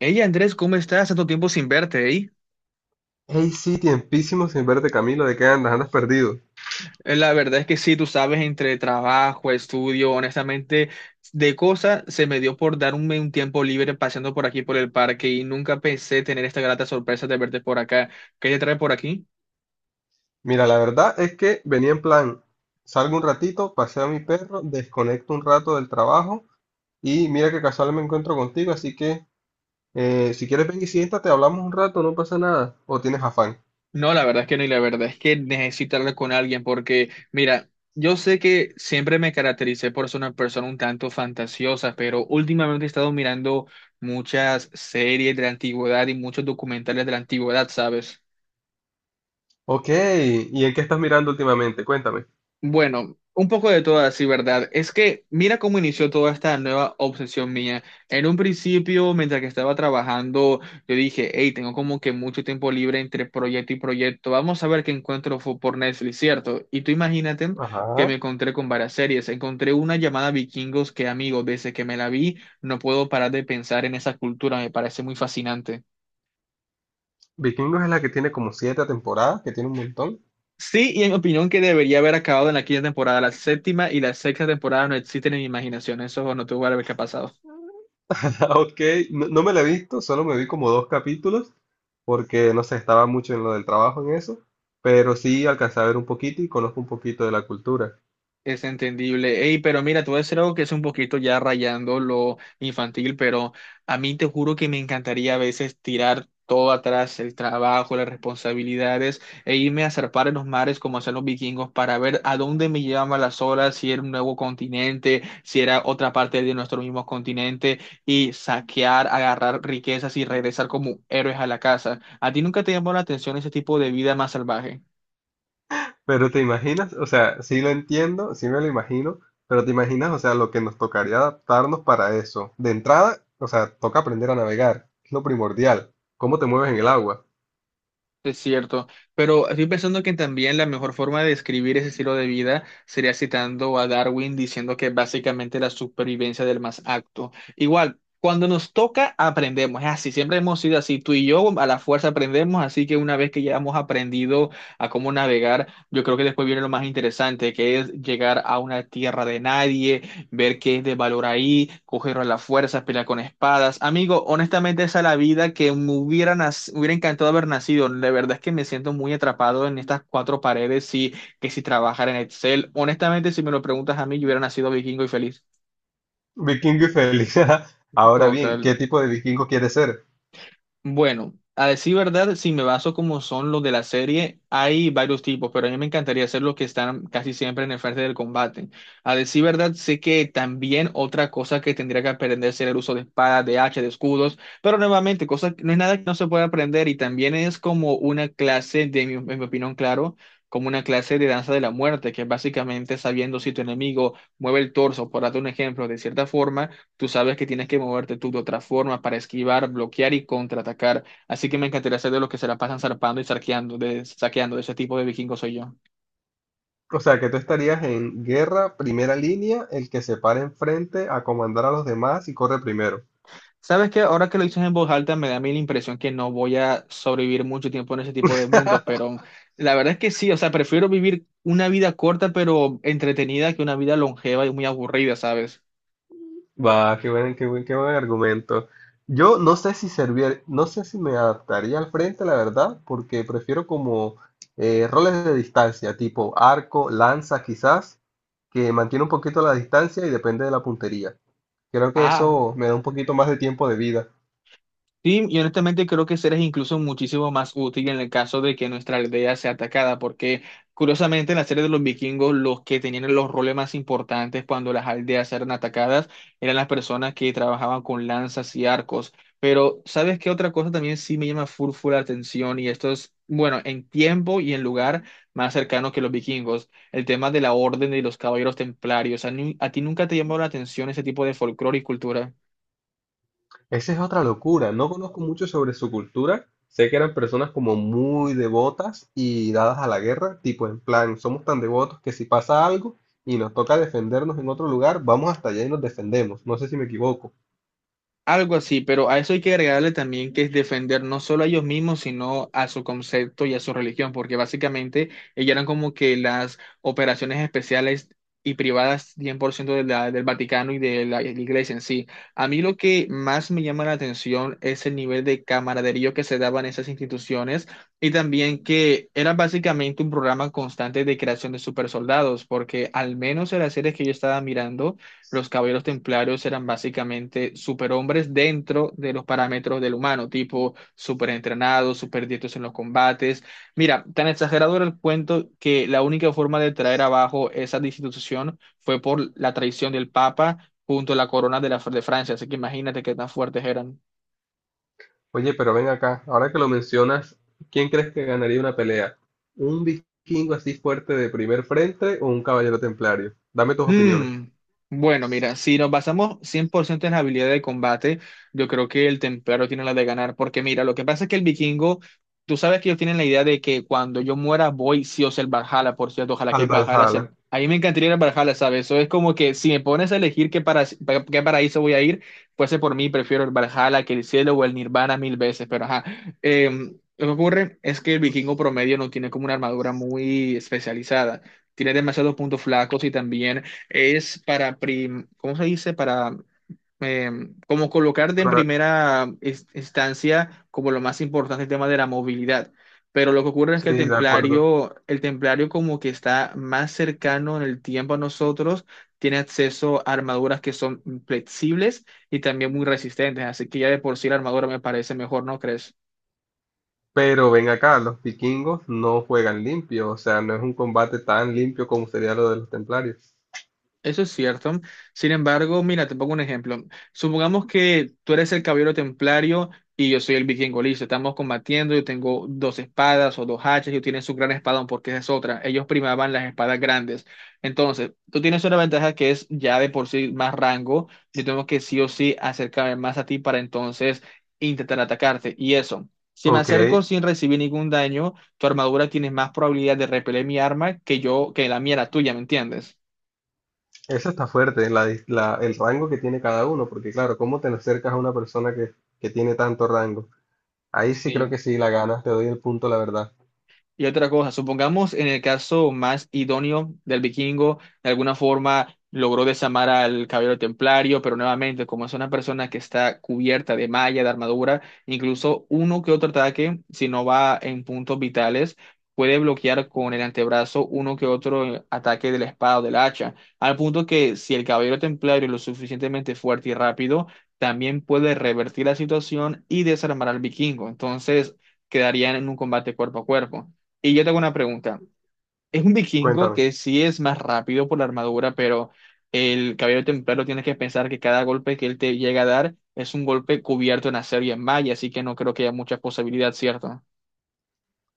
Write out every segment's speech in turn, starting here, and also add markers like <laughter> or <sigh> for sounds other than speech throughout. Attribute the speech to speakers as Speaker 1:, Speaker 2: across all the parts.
Speaker 1: Hey Andrés, ¿cómo estás? Tanto tiempo sin verte, ¿eh?
Speaker 2: Hey sí, tiempísimo sin verte, Camilo, ¿de qué andas? Andas perdido.
Speaker 1: La verdad es que sí, tú sabes, entre trabajo, estudio, honestamente, de cosas se me dio por darme un tiempo libre paseando por aquí por el parque y nunca pensé tener esta grata sorpresa de verte por acá. ¿Qué te trae por aquí?
Speaker 2: Mira, la verdad es que venía en plan, salgo un ratito, paseo a mi perro, desconecto un rato del trabajo y mira que casual me encuentro contigo, así que si quieres ven y siéntate, hablamos un rato, no pasa nada. ¿O tienes afán?
Speaker 1: No, la verdad es que no, y la verdad es que necesito hablar con alguien porque, mira, yo sé que siempre me caractericé por ser una persona un tanto fantasiosa, pero últimamente he estado mirando muchas series de la antigüedad y muchos documentales de la antigüedad, ¿sabes?
Speaker 2: Ok, ¿y en qué estás mirando últimamente? Cuéntame.
Speaker 1: Bueno, un poco de todo así, ¿verdad? Es que mira cómo inició toda esta nueva obsesión mía. En un principio, mientras que estaba trabajando, yo dije, hey, tengo como que mucho tiempo libre entre proyecto y proyecto. Vamos a ver qué encuentro por Netflix, ¿cierto? Y tú imagínate que
Speaker 2: Ajá.
Speaker 1: me encontré con varias series. Encontré una llamada Vikingos que, amigo, desde que me la vi, no puedo parar de pensar en esa cultura. Me parece muy fascinante.
Speaker 2: Vikingos es la que tiene como siete temporadas, que tiene un montón.
Speaker 1: Sí, y en mi opinión que debería haber acabado en la quinta temporada. La séptima y la sexta temporada no existen en mi imaginación. Eso no tuvo que haber pasado.
Speaker 2: <laughs> Ok, no, me la he visto, solo me vi como dos capítulos, porque no sé, estaba mucho en lo del trabajo en eso, pero sí alcancé a ver un poquito y conozco un poquito de la cultura.
Speaker 1: Es entendible. Ey, pero mira, te voy a decir algo que es un poquito ya rayando lo infantil, pero a mí te juro que me encantaría a veces tirar todo atrás, el trabajo, las responsabilidades, e irme a zarpar en los mares como hacían los vikingos para ver a dónde me llevaban las olas, si era un nuevo continente, si era otra parte de nuestro mismo continente, y saquear, agarrar riquezas y regresar como héroes a la casa. ¿A ti nunca te llamó la atención ese tipo de vida más salvaje?
Speaker 2: Pero te imaginas, o sea, sí lo entiendo, sí me lo imagino, pero te imaginas, o sea, lo que nos tocaría adaptarnos para eso. De entrada, o sea, toca aprender a navegar, es lo primordial. ¿Cómo te mueves en el agua?
Speaker 1: Es cierto, pero estoy pensando que también la mejor forma de describir ese estilo de vida sería citando a Darwin diciendo que básicamente la supervivencia del más apto. Igual, cuando nos toca, aprendemos. Es así, siempre hemos sido así. Tú y yo a la fuerza aprendemos, así que una vez que ya hemos aprendido a cómo navegar, yo creo que después viene lo más interesante, que es llegar a una tierra de nadie, ver qué es de valor ahí, cogerlo a la fuerza, pelear con espadas. Amigo, honestamente esa es la vida que me hubiera, me hubiera encantado haber nacido. La verdad es que me siento muy atrapado en estas cuatro paredes y que si trabajara en Excel. Honestamente, si me lo preguntas a mí, yo hubiera nacido vikingo y feliz.
Speaker 2: Vikingo y feliz. <laughs> Ahora bien,
Speaker 1: Total.
Speaker 2: ¿qué tipo de vikingo quieres ser?
Speaker 1: Bueno, a decir verdad, si me baso como son los de la serie, hay varios tipos, pero a mí me encantaría hacer los que están casi siempre en el frente del combate. A decir verdad, sé que también otra cosa que tendría que aprender sería el uso de espadas, de hachas, de escudos, pero nuevamente, cosa, no es nada que no se pueda aprender y también es como una clase, de mi, en mi opinión, claro, como una clase de danza de la muerte, que es básicamente sabiendo si tu enemigo mueve el torso, por darte un ejemplo, de cierta forma. Tú sabes que tienes que moverte tú de otra forma para esquivar, bloquear y contraatacar. Así que me encantaría ser de los que se la pasan zarpando y saqueando. De ese tipo de vikingos soy yo.
Speaker 2: O sea, que tú estarías en guerra, primera línea, el que se para enfrente a comandar a los demás y corre primero.
Speaker 1: ¿Sabes que ahora que lo dices en voz alta, me da a mí la impresión que no voy a sobrevivir mucho tiempo en ese tipo de mundos, pero la verdad es que sí? O sea, prefiero vivir una vida corta pero entretenida que una vida longeva y muy aburrida, ¿sabes?
Speaker 2: Va, qué buen argumento. Yo no sé si servir, no sé si me adaptaría al frente, la verdad, porque prefiero como roles de distancia, tipo arco, lanza, quizás, que mantiene un poquito la distancia y depende de la puntería. Creo que
Speaker 1: Ah,
Speaker 2: eso me da un poquito más de tiempo de vida.
Speaker 1: sí, y honestamente creo que ese es incluso muchísimo más útil en el caso de que nuestra aldea sea atacada, porque curiosamente en la serie de los vikingos los que tenían los roles más importantes cuando las aldeas eran atacadas eran las personas que trabajaban con lanzas y arcos. Pero ¿sabes qué otra cosa también sí me llama full full la atención? Y esto es, bueno, en tiempo y en lugar más cercano que los vikingos, el tema de la orden de los caballeros templarios. ¿A, a ti nunca te llamó la atención ese tipo de folclore y cultura?
Speaker 2: Esa es otra locura. No conozco mucho sobre su cultura. Sé que eran personas como muy devotas y dadas a la guerra, tipo en plan, somos tan devotos que si pasa algo y nos toca defendernos en otro lugar, vamos hasta allá y nos defendemos. No sé si me equivoco.
Speaker 1: Algo así, pero a eso hay que agregarle también que es defender no solo a ellos mismos, sino a su concepto y a su religión, porque básicamente ellas eran como que las operaciones especiales y privadas 100% del Vaticano y de la iglesia en sí. A mí lo que más me llama la atención es el nivel de camaradería que se daban esas instituciones y también que era básicamente un programa constante de creación de supersoldados, porque al menos en las series que yo estaba mirando, los caballeros templarios eran básicamente superhombres dentro de los parámetros del humano, tipo superentrenados, superdiestros en los combates. Mira, tan exagerado era el cuento que la única forma de traer abajo esa institución fue por la traición del Papa junto a la corona de, la, de Francia, así que imagínate qué tan fuertes eran.
Speaker 2: Oye, pero ven acá, ahora que lo mencionas, ¿quién crees que ganaría una pelea? ¿Un vikingo así fuerte de primer frente o un caballero templario? Dame tus opiniones.
Speaker 1: Hmm, Bueno, mira, si nos basamos 100% en la habilidad de combate, yo creo que el templario tiene la de ganar, porque mira, lo que pasa es que el vikingo, tú sabes que ellos tienen la idea de que cuando yo muera voy sí o sí al Valhalla. Por cierto, ojalá que
Speaker 2: Al
Speaker 1: el Valhalla sea...
Speaker 2: Valhalla.
Speaker 1: A mí me encantaría ir al Valhalla, ¿sabes? Eso es como que si me pones a elegir qué, para... qué paraíso voy a ir, fuese por mí, prefiero el Valhalla que el cielo o el Nirvana mil veces, pero ajá. Lo que ocurre es que el vikingo promedio no tiene como una armadura muy especializada. Tiene demasiados puntos flacos y también es para, ¿cómo se dice? Para, eh, como colocarte en
Speaker 2: Para-
Speaker 1: primera instancia como lo más importante el tema de la movilidad. Pero lo que ocurre es
Speaker 2: Sí,
Speaker 1: que
Speaker 2: de acuerdo.
Speaker 1: el templario como que está más cercano en el tiempo a nosotros, tiene acceso a armaduras que son flexibles y también muy resistentes. Así que ya de por sí la armadura me parece mejor, ¿no crees?
Speaker 2: Pero ven acá, los vikingos no juegan limpio, o sea, no es un combate tan limpio como sería lo de los templarios.
Speaker 1: Eso es cierto. Sin embargo, mira, te pongo un ejemplo. Supongamos que tú eres el caballero templario y yo soy el vikingo, listo. Estamos combatiendo, yo tengo dos espadas o dos hachas, yo tienen su gran espadón porque esa es otra. Ellos primaban las espadas grandes. Entonces, tú tienes una ventaja que es ya de por sí más rango. Yo tengo que sí o sí acercarme más a ti para entonces intentar atacarte. Y eso. Si me
Speaker 2: Ok,
Speaker 1: acerco sin
Speaker 2: eso
Speaker 1: recibir ningún daño, tu armadura tiene más probabilidad de repeler mi arma que yo, que la mía, la tuya, ¿me entiendes?
Speaker 2: está fuerte, el rango que tiene cada uno, porque claro, ¿cómo te acercas a una persona que tiene tanto rango? Ahí sí creo
Speaker 1: Sí.
Speaker 2: que sí, la ganas, te doy el punto, la verdad.
Speaker 1: Y otra cosa, supongamos en el caso más idóneo del vikingo, de alguna forma logró desarmar al caballero templario, pero nuevamente, como es una persona que está cubierta de malla, de armadura, incluso uno que otro ataque, si no va en puntos vitales, puede bloquear con el antebrazo uno que otro ataque de la espada o del hacha, al punto que si el caballero templario es lo suficientemente fuerte y rápido, también puede revertir la situación y desarmar al vikingo. Entonces, quedarían en un combate cuerpo a cuerpo. Y yo tengo una pregunta. Es un vikingo
Speaker 2: Cuéntame.
Speaker 1: que sí es más rápido por la armadura, pero el caballero templario tiene que pensar que cada golpe que él te llega a dar es un golpe cubierto en acero y en malla, así que no creo que haya mucha posibilidad, ¿cierto?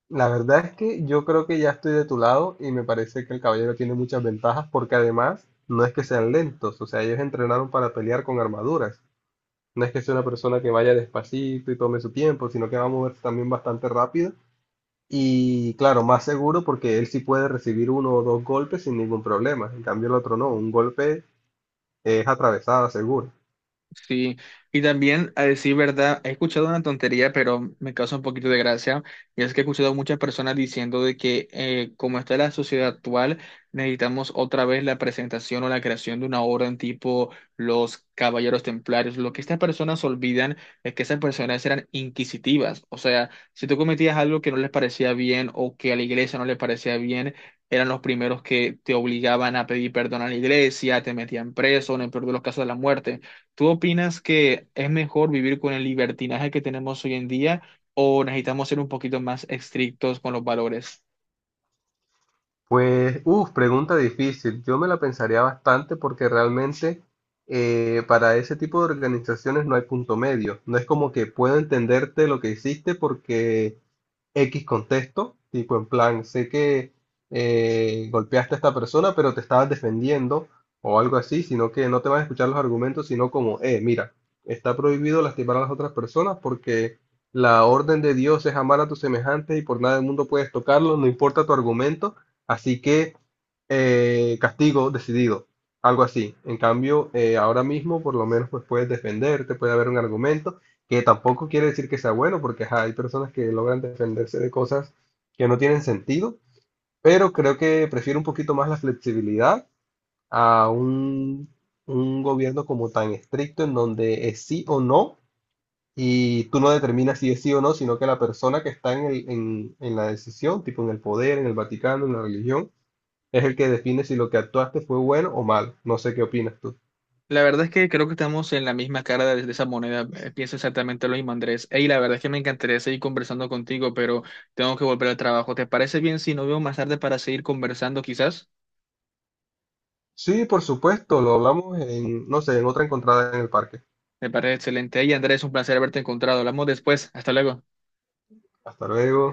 Speaker 2: La verdad es que yo creo que ya estoy de tu lado y me parece que el caballero tiene muchas ventajas porque además no es que sean lentos, o sea, ellos entrenaron para pelear con armaduras. No es que sea una persona que vaya despacito y tome su tiempo, sino que va a moverse también bastante rápido. Y claro, más seguro porque él sí puede recibir uno o dos golpes sin ningún problema. En cambio, el otro no. Un golpe es atravesada, seguro.
Speaker 1: Sí, y también a decir verdad, he escuchado una tontería, pero me causa un poquito de gracia, y es que he escuchado a muchas personas diciendo de que como está la sociedad actual, necesitamos otra vez la presentación o la creación de una orden tipo los Caballeros Templarios. Lo que estas personas olvidan es que esas personas eran inquisitivas, o sea, si tú cometías algo que no les parecía bien o que a la iglesia no le parecía bien, eran los primeros que te obligaban a pedir perdón a la iglesia, te metían preso, en el peor de los casos de la muerte. ¿Tú opinas que es mejor vivir con el libertinaje que tenemos hoy en día o necesitamos ser un poquito más estrictos con los valores?
Speaker 2: Pues, uff, pregunta difícil. Yo me la pensaría bastante porque realmente para ese tipo de organizaciones no hay punto medio. No es como que puedo entenderte lo que hiciste porque X contexto, tipo en plan, sé que golpeaste a esta persona, pero te estabas defendiendo o algo así, sino que no te van a escuchar los argumentos, sino como, mira, está prohibido lastimar a las otras personas porque la orden de Dios es amar a tus semejantes y por nada del mundo puedes tocarlo, no importa tu argumento, así que castigo decidido, algo así. En cambio, ahora mismo por lo menos pues puedes defenderte, puede haber un argumento que tampoco quiere decir que sea bueno, porque ajá, hay personas que logran defenderse de cosas que no tienen sentido, pero creo que prefiero un poquito más la flexibilidad a un gobierno como tan estricto en donde es sí o no, y tú no determinas si es sí o no, sino que la persona que está en la decisión, tipo en el poder, en el Vaticano, en la religión, es el que define si lo que actuaste fue bueno o malo. No sé qué opinas tú.
Speaker 1: La verdad es que creo que estamos en la misma cara de esa moneda. Pienso exactamente lo mismo, Andrés. Ey, la verdad es que me encantaría seguir conversando contigo, pero tengo que volver al trabajo. ¿Te parece bien si nos vemos más tarde para seguir conversando, quizás?
Speaker 2: Sí, por supuesto, lo hablamos en, no sé, en otra encontrada en el parque.
Speaker 1: Me parece excelente. Ey, Andrés, un placer haberte encontrado. Hablamos después. Hasta luego.
Speaker 2: Hasta luego.